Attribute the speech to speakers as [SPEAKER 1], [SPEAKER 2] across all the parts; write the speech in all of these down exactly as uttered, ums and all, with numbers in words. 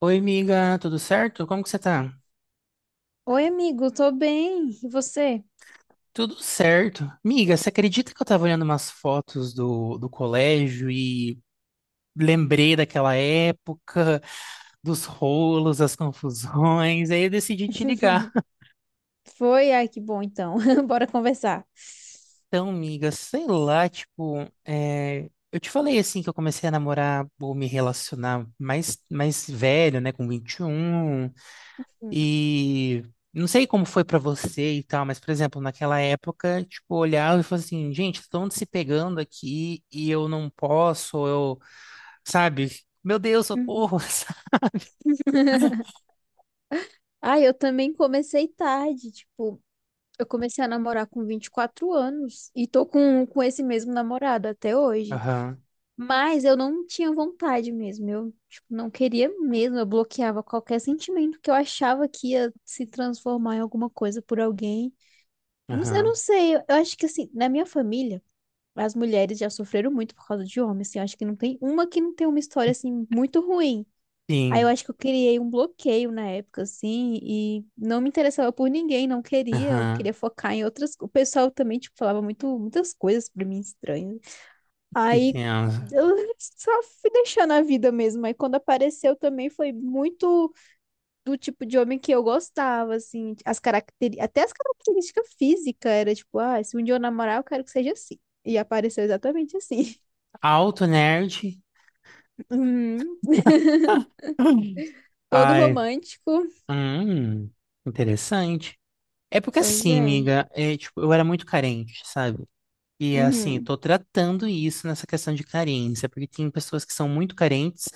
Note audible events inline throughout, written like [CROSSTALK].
[SPEAKER 1] Oi, amiga, tudo certo? Como que você tá?
[SPEAKER 2] Oi, amigo, tô bem. E você?
[SPEAKER 1] Tudo certo. Miga, você acredita que eu tava olhando umas fotos do, do colégio e lembrei daquela época, dos rolos, das confusões, aí eu decidi te ligar.
[SPEAKER 2] [LAUGHS]
[SPEAKER 1] [LAUGHS]
[SPEAKER 2] Foi? Ai, que bom então. [LAUGHS] Bora conversar.
[SPEAKER 1] Então, miga, sei lá, tipo, é, eu te falei assim que eu comecei a namorar ou me relacionar mais, mais velho, né, com vinte e um. E não sei como foi pra você e tal, mas, por exemplo, naquela época, tipo, eu olhava e falava assim, gente, estão se pegando aqui e eu não posso, ou eu, sabe? Meu Deus,
[SPEAKER 2] Uhum.
[SPEAKER 1] socorro! [LAUGHS] Sabe?
[SPEAKER 2] Ai, eu também comecei tarde, tipo, eu comecei a namorar com vinte e quatro anos e tô com, com esse mesmo namorado até hoje.
[SPEAKER 1] Aham,
[SPEAKER 2] Mas eu não tinha vontade mesmo, eu, tipo, não queria mesmo, eu bloqueava qualquer sentimento que eu achava que ia se transformar em alguma coisa por alguém. Não sei- Eu não
[SPEAKER 1] aham,
[SPEAKER 2] sei, eu eu acho que assim, na minha família, as mulheres já sofreram muito por causa de homens, assim, eu acho que não tem uma que não tem uma história, assim, muito ruim. Aí eu
[SPEAKER 1] sim,
[SPEAKER 2] acho que eu criei um bloqueio na época, assim, e não me interessava por ninguém, não queria, eu
[SPEAKER 1] aham,
[SPEAKER 2] queria focar em outras... co- O pessoal também, tipo, falava muito, muitas coisas pra mim estranhas. Aí
[SPEAKER 1] entendo.
[SPEAKER 2] eu [LAUGHS] só fui deixando a vida mesmo, aí quando apareceu também foi muito do tipo de homem que eu gostava, assim, as caracteri... até as características físicas era tipo, ah, se um dia eu namorar, eu quero que seja assim. E apareceu exatamente assim.
[SPEAKER 1] Alto nerd.
[SPEAKER 2] [LAUGHS] Uhum.
[SPEAKER 1] [LAUGHS]
[SPEAKER 2] Todo
[SPEAKER 1] Ai,
[SPEAKER 2] romântico.
[SPEAKER 1] hum, interessante. É porque
[SPEAKER 2] Pois
[SPEAKER 1] assim,
[SPEAKER 2] é.
[SPEAKER 1] amiga, é, tipo, eu era muito carente, sabe? E assim, eu
[SPEAKER 2] Uhum.
[SPEAKER 1] tô tratando isso nessa questão de carência, porque tem pessoas que são muito carentes,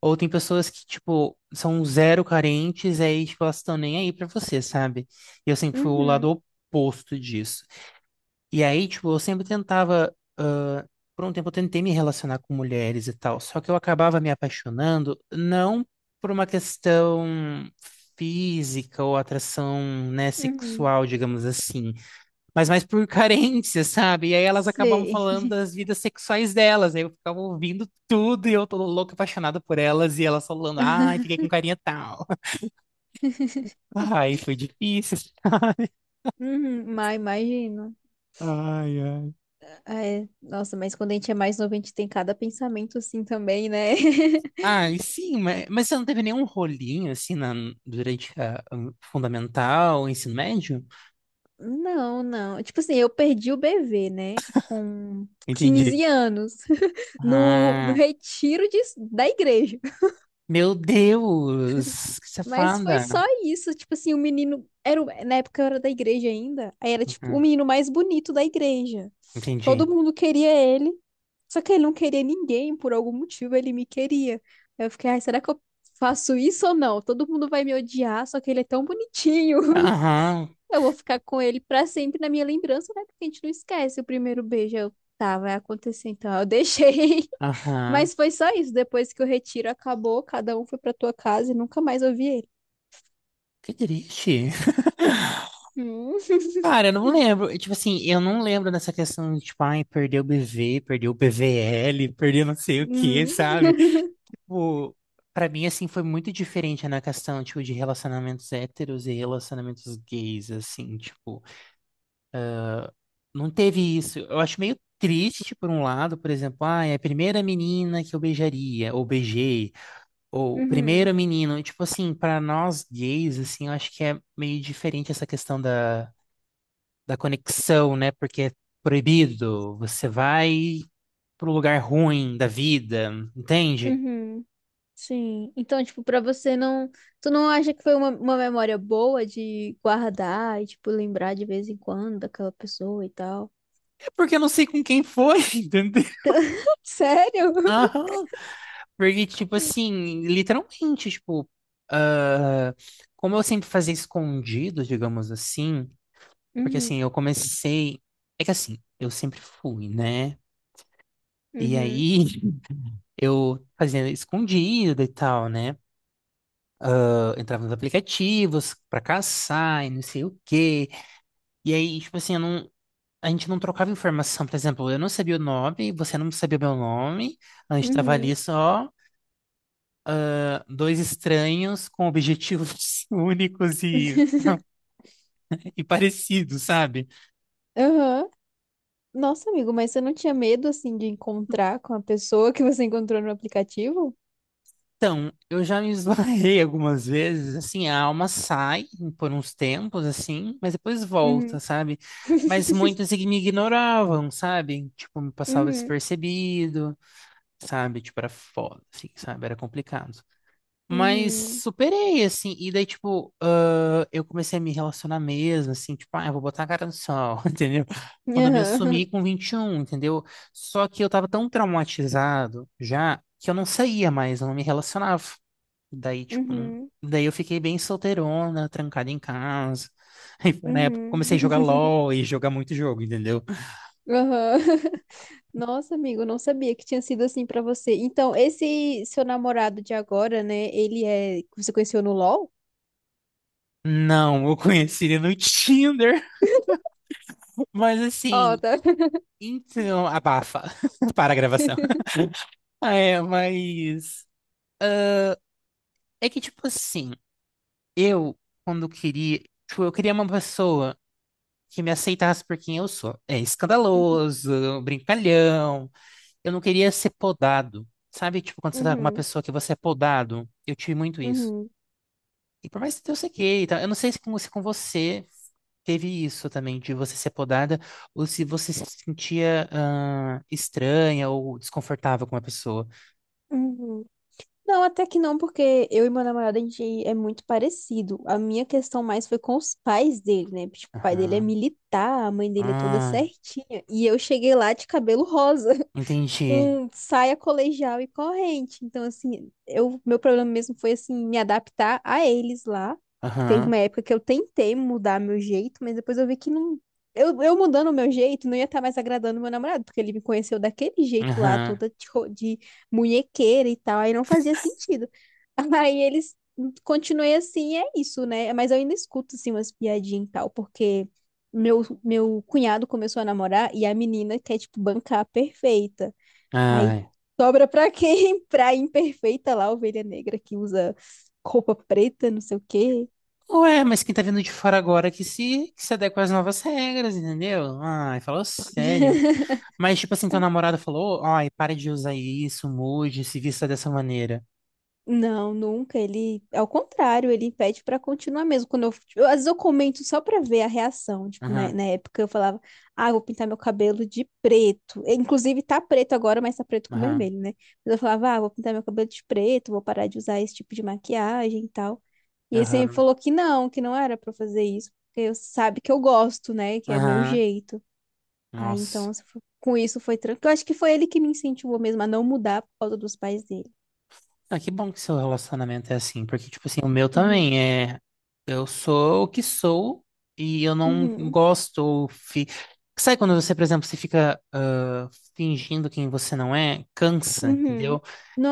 [SPEAKER 1] ou tem pessoas que, tipo, são zero carentes, e aí, tipo, elas estão nem aí pra você, sabe? E eu sempre fui o
[SPEAKER 2] Uhum.
[SPEAKER 1] lado oposto disso. E aí, tipo, eu sempre tentava, ah, por um tempo eu tentei me relacionar com mulheres e tal, só que eu acabava me apaixonando, não por uma questão física ou atração, né,
[SPEAKER 2] Uhum.
[SPEAKER 1] sexual, digamos assim, mas mais por [LAUGHS] carência, sabe? E aí elas acabavam
[SPEAKER 2] Sei.
[SPEAKER 1] falando das vidas sexuais delas, aí eu ficava ouvindo tudo e eu tô louca, apaixonada por elas, e elas falando, ai, fiquei com carinha tal. [LAUGHS] Ai, foi difícil.
[SPEAKER 2] Uhum. Mas imagino.
[SPEAKER 1] Ai, ai.
[SPEAKER 2] Ah, é, nossa, mas quando a gente é mais novo, a gente tem cada pensamento assim também, né? [LAUGHS]
[SPEAKER 1] Ai, sim, mas, mas você não teve nenhum rolinho, assim, na, durante a, o fundamental, o ensino médio?
[SPEAKER 2] Não, não. Tipo assim, eu perdi o bebê, né? Com
[SPEAKER 1] Entendi.
[SPEAKER 2] quinze anos. No, no
[SPEAKER 1] Ah,
[SPEAKER 2] retiro de, da igreja. [LAUGHS]
[SPEAKER 1] meu Deus, que
[SPEAKER 2] Mas foi só
[SPEAKER 1] safada.
[SPEAKER 2] isso. Tipo assim, o menino. Era, na época eu era da igreja ainda. Aí era tipo o
[SPEAKER 1] Uhum,
[SPEAKER 2] menino mais bonito da igreja.
[SPEAKER 1] entendi.
[SPEAKER 2] Todo mundo queria ele. Só que ele não queria ninguém, por algum motivo ele me queria. Aí eu fiquei, ai, será que eu faço isso ou não? Todo mundo vai me odiar, só que ele é tão bonitinho. [LAUGHS]
[SPEAKER 1] Aham,
[SPEAKER 2] Eu vou ficar com ele pra sempre na minha lembrança, né? Porque a gente não esquece o primeiro beijo. Eu, tá, vai acontecer então. Eu deixei.
[SPEAKER 1] aham,
[SPEAKER 2] Mas foi só isso. Depois que o retiro acabou, cada um foi pra tua casa e nunca mais ouvi ele.
[SPEAKER 1] que triste. [LAUGHS]
[SPEAKER 2] Hum,
[SPEAKER 1] Cara, eu não lembro. Tipo assim, eu não lembro dessa questão de, tipo, ai, perdeu o B V, perdeu o P V L, perdeu não sei o que,
[SPEAKER 2] Uhum,
[SPEAKER 1] sabe? Tipo, pra mim, assim, foi muito diferente na questão, tipo, de relacionamentos héteros e relacionamentos gays, assim, tipo, não teve isso. Eu acho meio triste, tipo, por um lado, por exemplo, ai, a primeira menina que eu beijaria, ou beijei, ou o
[SPEAKER 2] uhum,
[SPEAKER 1] primeiro menino, tipo assim, pra nós gays, assim, eu acho que é meio diferente essa questão da da conexão, né? Porque é proibido, você vai pro lugar ruim da vida, entende?
[SPEAKER 2] uhum. Sim. Então, tipo, pra você não. Tu não acha que foi uma, uma memória boa de guardar e, tipo, lembrar de vez em quando daquela pessoa e tal?
[SPEAKER 1] É porque eu não sei com quem foi, [LAUGHS] entendeu?
[SPEAKER 2] Sério?
[SPEAKER 1] Aham. Porque, tipo assim, literalmente, tipo, ah, como eu sempre fazia escondido, digamos assim, porque
[SPEAKER 2] Uhum,
[SPEAKER 1] assim, eu comecei. É que assim, eu sempre fui, né? E
[SPEAKER 2] uhum,
[SPEAKER 1] aí [LAUGHS] eu fazia escondido e tal, né? Eu entrava nos aplicativos pra caçar e não sei o quê. E aí, tipo assim, eu não, a gente não trocava informação, por exemplo, eu não sabia o nome, você não sabia o meu nome, a gente estava ali
[SPEAKER 2] uhum.
[SPEAKER 1] só ah, dois estranhos com objetivos [LAUGHS] únicos e,
[SPEAKER 2] [LAUGHS]
[SPEAKER 1] e parecidos, sabe?
[SPEAKER 2] Aham. Nossa, amigo, mas você não tinha medo, assim, de encontrar com a pessoa que você encontrou no aplicativo?
[SPEAKER 1] Então, eu já me esbarrei [LAUGHS] algumas vezes, assim, a alma sai por uns tempos, assim, mas depois volta,
[SPEAKER 2] Uhum,
[SPEAKER 1] sabe? Mas muitos ig- me ignoravam, sabe? Tipo, me passava
[SPEAKER 2] uhum,
[SPEAKER 1] despercebido, sabe? Tipo, era foda, assim, sabe? Era complicado. Mas
[SPEAKER 2] uhum.
[SPEAKER 1] superei, assim. E daí, tipo, ah, eu comecei a me relacionar mesmo, assim, tipo, ah, eu vou botar a cara no sol, [LAUGHS] entendeu? Quando eu me assumi
[SPEAKER 2] Aham.
[SPEAKER 1] com vinte e um, entendeu? Só que eu tava tão traumatizado já que eu não saía mais, eu não me relacionava. Daí, tipo, não...
[SPEAKER 2] Uhum.
[SPEAKER 1] Daí eu fiquei bem solteirona, trancada em casa. [LAUGHS] Aí foi na época que eu
[SPEAKER 2] Uhum.
[SPEAKER 1] comecei a jogar
[SPEAKER 2] [LAUGHS]
[SPEAKER 1] LOL e jogar muito jogo, entendeu?
[SPEAKER 2] Aham. [LAUGHS] Nossa, amigo, não sabia que tinha sido assim pra você. Então, esse seu namorado de agora, né? Ele é que você conheceu no LoL?
[SPEAKER 1] Não, eu conheci ele no Tinder. [LAUGHS] Mas
[SPEAKER 2] Ó,
[SPEAKER 1] assim,
[SPEAKER 2] tá.
[SPEAKER 1] então, abafa. [LAUGHS] Para a gravação. Ah, é, mas. É que, tipo assim, eu, quando queria. Tipo, eu queria uma pessoa que me aceitasse por quem eu sou. É
[SPEAKER 2] [LAUGHS]
[SPEAKER 1] escandaloso, brincalhão. Eu não queria ser podado. Sabe, tipo, quando você tá com uma
[SPEAKER 2] Uhum,
[SPEAKER 1] pessoa que você é podado? Eu tive muito isso.
[SPEAKER 2] uhum,
[SPEAKER 1] E por mais que eu sei que, tá? Eu não sei se com, se com você teve isso também, de você ser podada, ou se você se sentia ah, estranha ou desconfortável com uma pessoa.
[SPEAKER 2] uhum. Uhum. Não, até que não, porque eu e meu namorado, a gente é muito parecido. A minha questão mais foi com os pais dele, né? Tipo, o pai dele é
[SPEAKER 1] Aham.
[SPEAKER 2] militar, a mãe dele é toda
[SPEAKER 1] Ah,
[SPEAKER 2] certinha. E eu cheguei lá de cabelo rosa,
[SPEAKER 1] entendi.
[SPEAKER 2] com saia colegial e corrente. Então, assim, eu, meu problema mesmo foi, assim, me adaptar a eles lá. Teve
[SPEAKER 1] Aham.
[SPEAKER 2] uma época que eu tentei mudar meu jeito, mas depois eu vi que não. Eu, eu mudando o meu jeito, não ia estar mais agradando meu namorado, porque ele me conheceu daquele jeito lá,
[SPEAKER 1] Aham.
[SPEAKER 2] toda de, ro- de munhequeira e tal, aí não fazia sentido. [LAUGHS] Aí eles Continuei assim, é isso, né? Mas eu ainda escuto, assim, umas piadinhas e tal, porque meu, meu cunhado começou a namorar e a menina quer, tipo, bancar perfeita. Aí
[SPEAKER 1] Ai.
[SPEAKER 2] sobra pra quem? [LAUGHS] Pra imperfeita lá, a ovelha negra que usa roupa preta, não sei o quê.
[SPEAKER 1] Ué, mas quem tá vindo de fora agora que se, que se adequa às novas regras, entendeu? Ai, falou sério.
[SPEAKER 2] [LAUGHS]
[SPEAKER 1] Mas, tipo assim, teu namorado falou, ai, pare de usar isso, mude, se vista dessa maneira.
[SPEAKER 2] Não, nunca. Ele, ao contrário, ele pede pra continuar mesmo. Quando eu, tipo, eu- às vezes eu comento só pra ver a reação. Tipo, né,
[SPEAKER 1] Aham,
[SPEAKER 2] na época eu falava, ah, eu vou pintar meu cabelo de preto. Eh, inclusive tá preto agora, mas tá preto com
[SPEAKER 1] aham,
[SPEAKER 2] vermelho, né? Mas eu falava, ah, eu vou pintar meu cabelo de preto, vou parar de usar esse tipo de maquiagem e tal. E ele sempre
[SPEAKER 1] aham,
[SPEAKER 2] falou que não, que não era pra eu fazer isso, porque eu- sabe que eu gosto, né? Que é meu
[SPEAKER 1] aham.
[SPEAKER 2] jeito. Aí
[SPEAKER 1] Nossa.
[SPEAKER 2] então, se for- com isso foi tranquilo. Eu acho que foi ele que me incentivou mesmo a não mudar por causa dos pais dele.
[SPEAKER 1] Ah, que bom que seu relacionamento é assim, porque, tipo assim, o meu
[SPEAKER 2] Uhum.
[SPEAKER 1] também é. Eu sou o que sou e eu não
[SPEAKER 2] Uhum.
[SPEAKER 1] gosto. Ou fi... Sabe quando você, por exemplo, você fica ah, fingindo quem você não é? Cansa,
[SPEAKER 2] Uhum.
[SPEAKER 1] entendeu?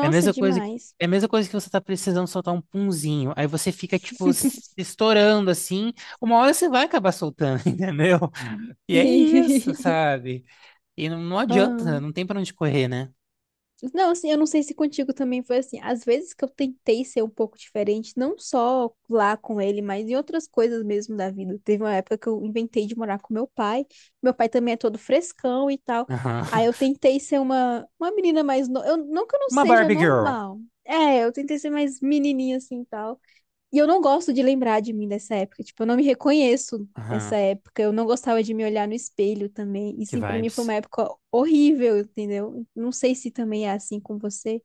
[SPEAKER 1] É a mesma coisa que,
[SPEAKER 2] demais.
[SPEAKER 1] é a mesma coisa que você tá precisando soltar um punzinho. Aí você fica, tipo, se estourando assim. Uma hora você vai acabar soltando, [LAUGHS] entendeu? E é isso,
[SPEAKER 2] [LAUGHS]
[SPEAKER 1] sabe? E não, não
[SPEAKER 2] Ah.
[SPEAKER 1] adianta, não tem pra onde correr, né?
[SPEAKER 2] Não, assim, eu não sei se contigo também foi assim. Às vezes que eu tentei ser um pouco diferente, não só lá com ele, mas em outras coisas mesmo da vida. Teve uma época que eu inventei de morar com meu pai. Meu pai também é todo frescão e tal.
[SPEAKER 1] Aham.
[SPEAKER 2] Aí eu
[SPEAKER 1] [LAUGHS]
[SPEAKER 2] tentei ser uma, uma menina mais. No... Eu, não que eu não
[SPEAKER 1] Uma
[SPEAKER 2] seja
[SPEAKER 1] Barbie Girl.
[SPEAKER 2] normal. É, eu tentei ser mais menininha assim e tal. E eu não gosto de lembrar de mim dessa época. Tipo, eu não me reconheço
[SPEAKER 1] Aham.
[SPEAKER 2] nessa época. Eu não gostava de me olhar no espelho também. E
[SPEAKER 1] Que
[SPEAKER 2] sim, pra mim foi uma
[SPEAKER 1] vibes.
[SPEAKER 2] época horrível, entendeu? Não sei se também é assim com você.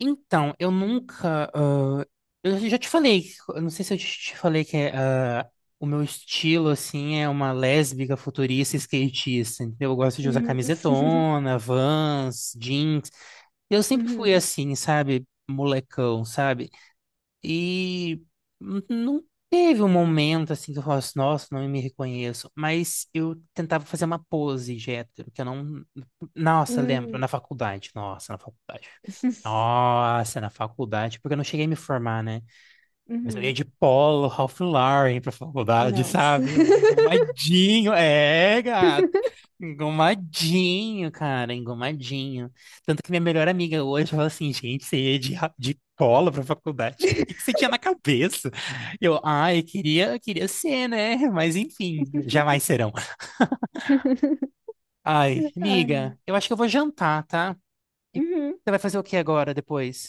[SPEAKER 1] Então, eu nunca. Ah, eu já te falei, eu não sei se eu te te falei que é, ah, o meu estilo, assim, é uma lésbica futurista skatista. Entendeu? Eu gosto de usar
[SPEAKER 2] Uhum,
[SPEAKER 1] camisetona, Vans, jeans. Eu sempre fui
[SPEAKER 2] uhum,
[SPEAKER 1] assim, sabe? Molecão, sabe? E n- não teve um momento assim que eu falasse, nossa, não me reconheço. Mas eu tentava fazer uma pose de hétero, que eu não. Nossa, lembro,
[SPEAKER 2] uhum,
[SPEAKER 1] na faculdade. Nossa, na faculdade. Nossa, na faculdade, porque eu não cheguei a me formar, né? Mas eu ia
[SPEAKER 2] uhum.
[SPEAKER 1] de polo, Ralph Lauren pra faculdade,
[SPEAKER 2] Nossa.
[SPEAKER 1] sabe? Eu- arrumadinho. É, engomadinho, cara, engomadinho. Tanto que minha melhor amiga hoje falou assim, gente, você ia de, ra- de polo pra faculdade? O que
[SPEAKER 2] [LAUGHS]
[SPEAKER 1] que você tinha na cabeça? Eu, ai, queria, queria ser, né? Mas enfim, jamais serão. Ai,
[SPEAKER 2] Ai.
[SPEAKER 1] amiga, eu acho que eu vou jantar, tá? E
[SPEAKER 2] Uhum.
[SPEAKER 1] você vai fazer o que agora, depois?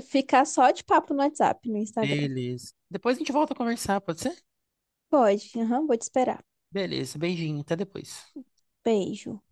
[SPEAKER 2] Ficar só de papo no WhatsApp, no Instagram.
[SPEAKER 1] Beleza. Depois a gente volta a conversar, pode ser?
[SPEAKER 2] Pode, aham, vou te esperar.
[SPEAKER 1] Beleza, beijinho, até depois.
[SPEAKER 2] Beijo.